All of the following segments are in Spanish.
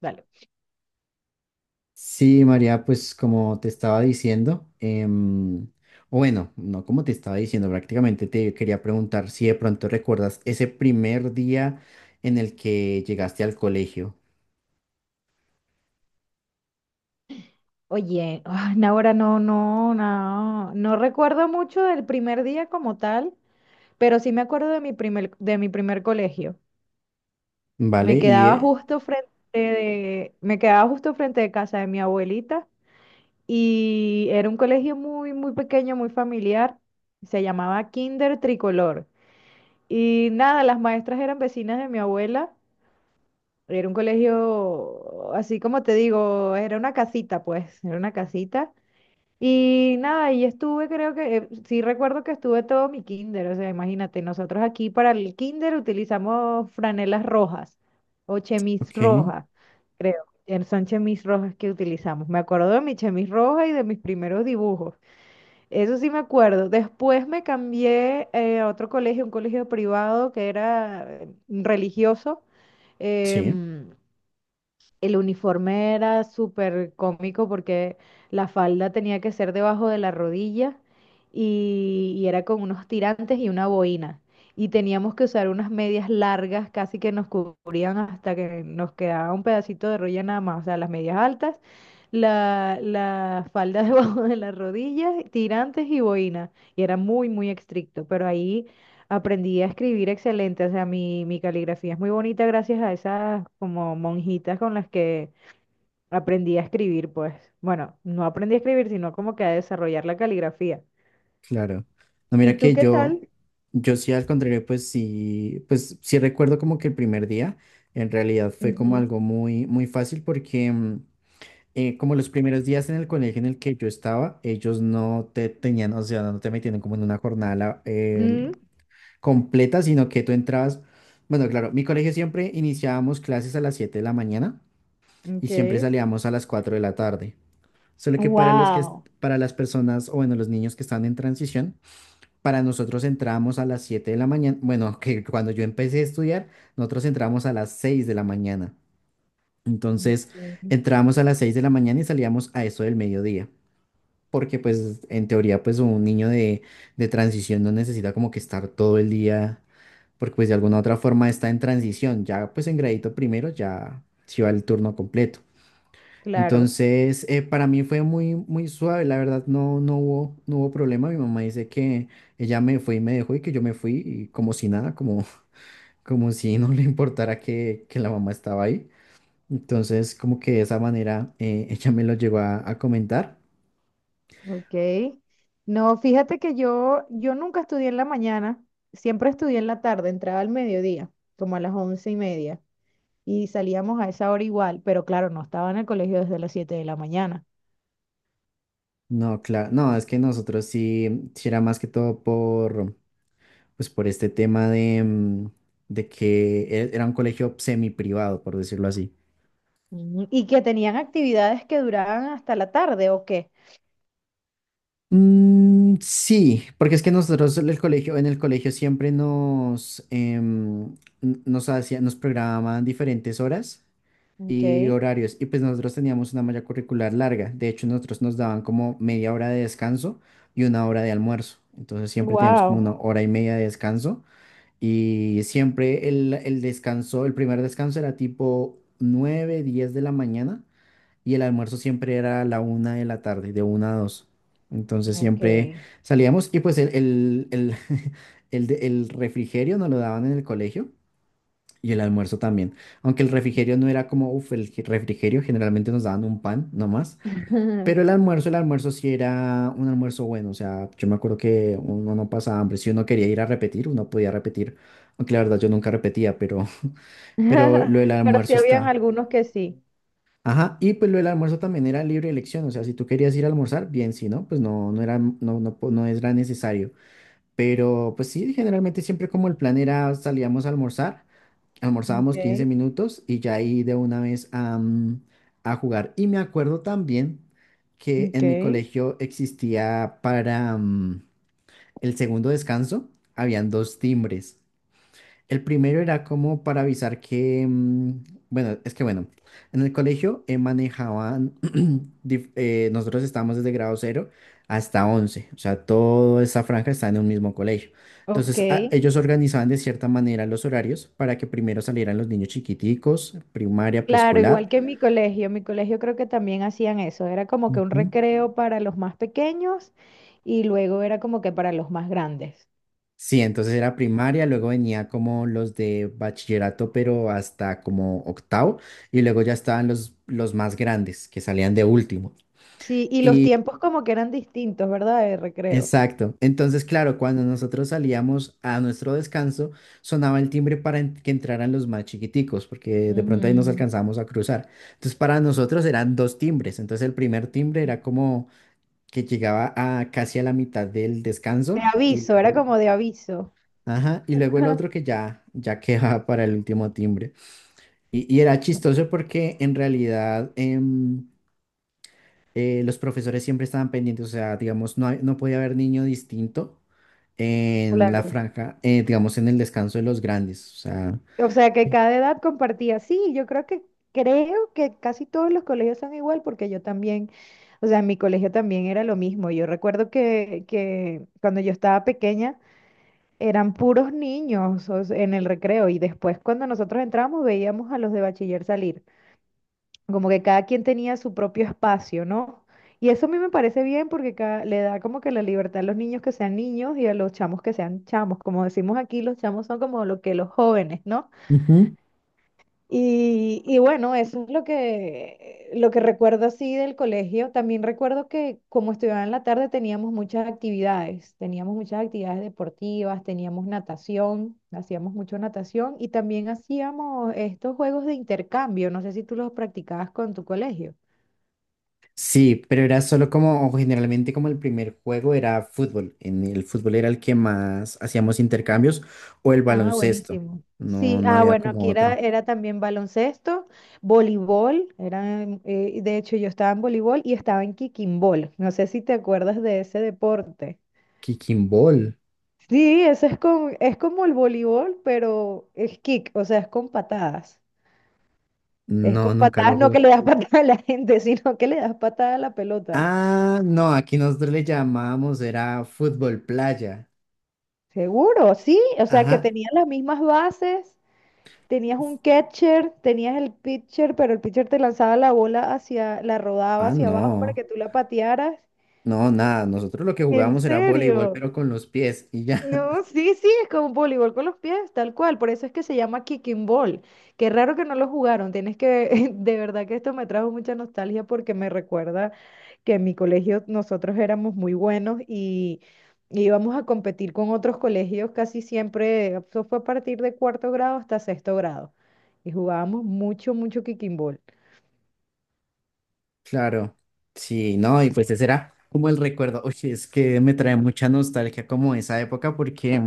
Dale. Sí, María, pues como te estaba diciendo, o bueno, no como te estaba diciendo, prácticamente te quería preguntar si de pronto recuerdas ese primer día en el que llegaste al colegio, Oye, ah, no, ahora no, no, no, no recuerdo mucho del primer día como tal, pero sí me acuerdo de mi primer colegio. ¿vale? Me quedaba justo frente de, me quedaba justo frente de casa de mi abuelita y era un colegio muy, muy pequeño, muy familiar. Se llamaba Kinder Tricolor. Y nada, las maestras eran vecinas de mi abuela. Era un colegio, así como te digo, era una casita, pues, era una casita. Y nada, y estuve, creo que, sí recuerdo que estuve todo mi kinder, o sea, imagínate, nosotros aquí para el kinder utilizamos franelas rojas o chemis Ok, roja, creo. Son chemis rojas que utilizamos. Me acuerdo de mi chemis roja y de mis primeros dibujos. Eso sí me acuerdo. Después me cambié a otro colegio, un colegio privado que era religioso. sí, em, el uniforme era súper cómico porque la falda tenía que ser debajo de la rodilla y era con unos tirantes y una boina. Y teníamos que usar unas medias largas, casi que nos cubrían hasta que nos quedaba un pedacito de rodilla nada más. O sea, las medias altas, la falda debajo de la rodilla, tirantes y boina. Y era muy, muy estricto. Pero ahí aprendí a escribir excelente, o sea, mi caligrafía es muy bonita gracias a esas como monjitas con las que aprendí a escribir, pues. Bueno, no aprendí a escribir, sino como que a desarrollar la caligrafía. claro. No, mira ¿Y tú que qué tal? yo sí al contrario, pues sí recuerdo como que el primer día en realidad fue como Ujú. algo muy, muy fácil porque como los primeros días en el colegio en el que yo estaba, ellos no te tenían, o sea, no te metían como en una jornada Mm, completa, sino que tú entrabas, bueno, claro, mi colegio siempre iniciábamos clases a las 7 de la mañana y ok. siempre salíamos a las 4 de la tarde. Solo que para los que, Wow. para las personas, o bueno, los niños que están en transición, para nosotros entrábamos a las 7 de la mañana, bueno, que cuando yo empecé a estudiar, nosotros entrábamos a las 6 de la mañana. Entonces, Ok, entrábamos a las 6 de la mañana y salíamos a eso del mediodía porque pues en teoría pues un niño de transición no necesita como que estar todo el día, porque pues de alguna u otra forma está en transición, ya pues en gradito primero ya se va el turno completo. claro, Entonces, para mí fue muy, muy suave, la verdad no hubo, no hubo problema. Mi mamá dice que ella me fue y me dejó y que yo me fui y como si nada, como, como si no le importara que la mamá estaba ahí. Entonces, como que de esa manera ella me lo llegó a comentar. ok. No, fíjate que yo nunca estudié en la mañana, siempre estudié en la tarde, entraba al mediodía, como a las 11:30. Y salíamos a esa hora igual, pero claro, no estaba en el colegio desde las 7 de la mañana. No, claro, no, es que nosotros sí, sí era más que todo por, pues por este tema de que era un colegio semiprivado, por decirlo así. Ujú. ¿Y que tenían actividades que duraban hasta la tarde, o qué? Mm, sí, porque es que nosotros en el colegio siempre nos hacían, nos programaban diferentes horas Ok, y horarios, y pues nosotros teníamos una malla curricular larga. De hecho, nosotros nos daban como media hora de descanso y una hora de almuerzo. Entonces siempre teníamos como una wow, hora y media de descanso. Y siempre el descanso, el primer descanso era tipo 9 10 de la mañana y el almuerzo siempre era a la una de la tarde, de una a 2. Entonces ok. siempre salíamos y pues el el refrigerio nos lo daban en el colegio y el almuerzo también. Aunque el refrigerio no era como, uff, el refrigerio generalmente nos daban un pan nomás, pero el almuerzo sí era un almuerzo bueno, o sea, yo me acuerdo que uno no pasaba hambre, si uno quería ir a repetir, uno podía repetir, aunque la verdad yo nunca repetía, pero, pero lo del Pero sí almuerzo habían está. algunos que sí. Ajá, y pues lo del almuerzo también era libre elección, o sea, si tú querías ir a almorzar, bien, si no, pues no, no era, no, no era necesario. Pero pues sí, generalmente siempre como el plan era salíamos a almorzar, almorzábamos Okay, 15 minutos y ya ahí de una vez a jugar. Y me acuerdo también que en mi okay, colegio existía para el segundo descanso, habían dos timbres. El primero era como para avisar bueno, es que bueno, en el colegio manejaban, nosotros estábamos desde grado cero hasta 11, o sea, toda esa franja está en un mismo colegio. Entonces, okay, ellos organizaban de cierta manera los horarios para que primero salieran los niños chiquiticos, primaria, claro, igual preescolar. que en mi colegio creo que también hacían eso, era como que un Ujú. recreo para los más pequeños y luego era como que para los más grandes. Sí, entonces era primaria, luego venía como los de bachillerato, pero hasta como octavo, y luego ya estaban los más grandes, que salían de último. Sí, y los Y tiempos como que eran distintos, ¿verdad? De recreo. exacto. Entonces, claro, cuando nosotros salíamos a nuestro descanso, sonaba el timbre para que entraran los más chiquiticos, porque de pronto ahí nos Ujú. alcanzábamos a cruzar. Entonces, para nosotros eran dos timbres. Entonces, el primer timbre era como que llegaba a casi a la mitad del De descanso. Aviso, era como de aviso. Ajá, y luego el otro que ya, ya quedaba para el último timbre. Y era chistoso porque en realidad los profesores siempre estaban pendientes, o sea, digamos, no podía haber niño distinto en la Claro. franja, digamos, en el descanso de los grandes, o sea. O sea, que Sí, cada edad compartía. Sí, yo creo que casi todos los colegios son igual porque yo también, o sea, en mi colegio también era lo mismo. Yo recuerdo que cuando yo estaba pequeña eran puros niños, o sea, en el recreo, y después cuando nosotros entrábamos veíamos a los de bachiller salir. Como que cada quien tenía su propio espacio, ¿no? Y eso a mí me parece bien porque le da como que la libertad a los niños que sean niños y a los chamos que sean chamos. Como decimos aquí, los chamos son como lo que los jóvenes, ¿no? ujú. Y bueno, eso es lo que recuerdo así del colegio. También recuerdo que como estudiaba en la tarde teníamos muchas actividades deportivas, teníamos natación, hacíamos mucho natación y también hacíamos estos juegos de intercambio. No sé si tú los practicabas con tu colegio. Sí, pero era solo como, o generalmente como el primer juego era fútbol, en el fútbol era el que más hacíamos intercambios, o el Ah, baloncesto, buenísimo. no, Sí, no ah, había bueno, como aquí era, otro. era también baloncesto, voleibol, de hecho yo estaba en voleibol y estaba en kickimball. No sé si te acuerdas de ese deporte. Kicking ball, Sí, eso es como el voleibol, pero es kick, o sea, es con patadas. Es con no, nunca patadas, lo no jugué. que le das patada a la gente, sino que le das patada a la pelota. Ah, no, aquí nosotros le llamábamos, era fútbol playa. Seguro, sí, o sea, que Ajá. tenían las mismas bases. Tenías un catcher, tenías el pitcher, pero el pitcher te lanzaba la bola hacia, la rodaba Ah, hacia abajo para no. que tú la patearas. No, nada, nosotros lo que jugábamos ¿En era voleibol, serio? pero con los pies y ya, No, sí, sí, es como voleibol con los pies, tal cual. Por eso es que se llama kicking ball. Qué raro que no lo jugaron. Tienes que, de verdad que esto me trajo mucha nostalgia porque me recuerda que en mi colegio nosotros éramos muy buenos y íbamos a competir con otros colegios casi siempre. Eso fue a partir de cuarto grado hasta sexto grado. Y jugábamos mucho, mucho kicking ball. claro. Sí, no, y pues ese era como el recuerdo. Oye, es que me trae mucha nostalgia como esa época porque,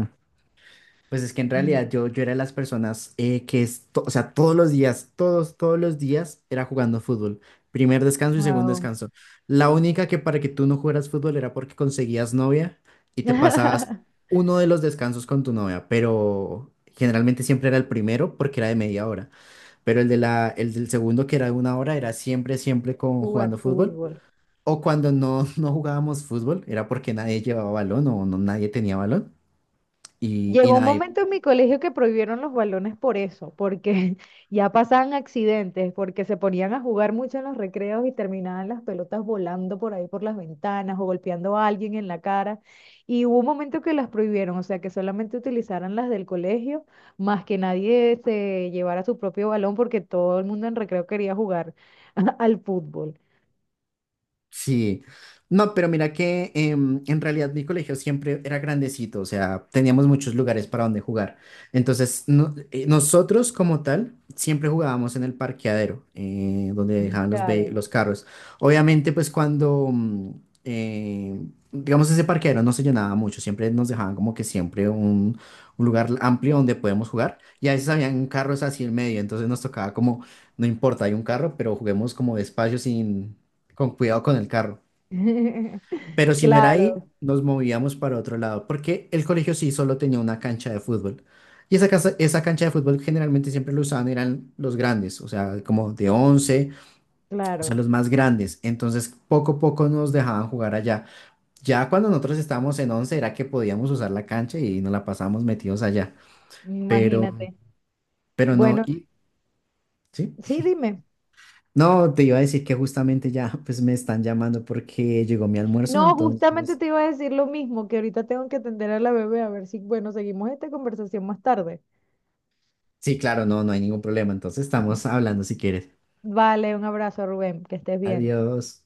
pues es que en Mm. realidad yo era de las personas que, o sea, todos los días, todos, todos los días era jugando fútbol. Primer descanso y segundo Wow. descanso. La única que para que tú no jugaras fútbol era porque conseguías novia y te pasabas uno de los descansos con tu novia, pero generalmente siempre era el primero porque era de media hora. Pero el de la, el del segundo, que era de una hora, era siempre, siempre con Jugar jugando fútbol. fútbol. O cuando no, no jugábamos fútbol, era porque nadie llevaba balón o no, nadie tenía balón. Y Llegó un nada, momento en mi colegio que prohibieron los balones por eso, porque ya pasaban accidentes, porque se ponían a jugar mucho en los recreos y terminaban las pelotas volando por ahí por las ventanas o golpeando a alguien en la cara. Y hubo un momento que las prohibieron, o sea, que solamente utilizaran las del colegio, más que nadie se llevara su propio balón porque todo el mundo en recreo quería jugar al fútbol. sí, no, pero mira que en realidad mi colegio siempre era grandecito, o sea, teníamos muchos lugares para donde jugar. Entonces, nosotros como tal siempre jugábamos en el parqueadero, donde dejaban Claro. los carros. Obviamente, pues eh, digamos, ese parqueadero no se llenaba mucho, siempre nos dejaban como que siempre un lugar amplio donde podemos jugar. Y a veces habían carros así en medio, entonces nos tocaba como, no importa, hay un carro, pero juguemos como despacio sin con cuidado con el carro. Pero si no era ahí, Claro, nos movíamos para otro lado, porque el colegio sí solo tenía una cancha de fútbol. Y esa cancha de fútbol generalmente siempre lo usaban, eran los grandes, o sea, como de 11, o sea, claro, los más grandes. Entonces, poco a poco nos dejaban jugar allá. Ya cuando nosotros estábamos en 11 era que podíamos usar la cancha y nos la pasábamos metidos allá. Pero, imagínate. pero Bueno, ¿sí? sí, dime. No, te iba a decir que justamente ya pues me están llamando porque llegó mi almuerzo, No, justamente entonces te iba a decir lo mismo, que ahorita tengo que atender a la bebé a ver si, bueno, seguimos esta conversación más tarde. sí, claro, no, no hay ningún problema. Entonces estamos hablando si quieres. Vale, un abrazo, Rubén, que estés bien. Adiós.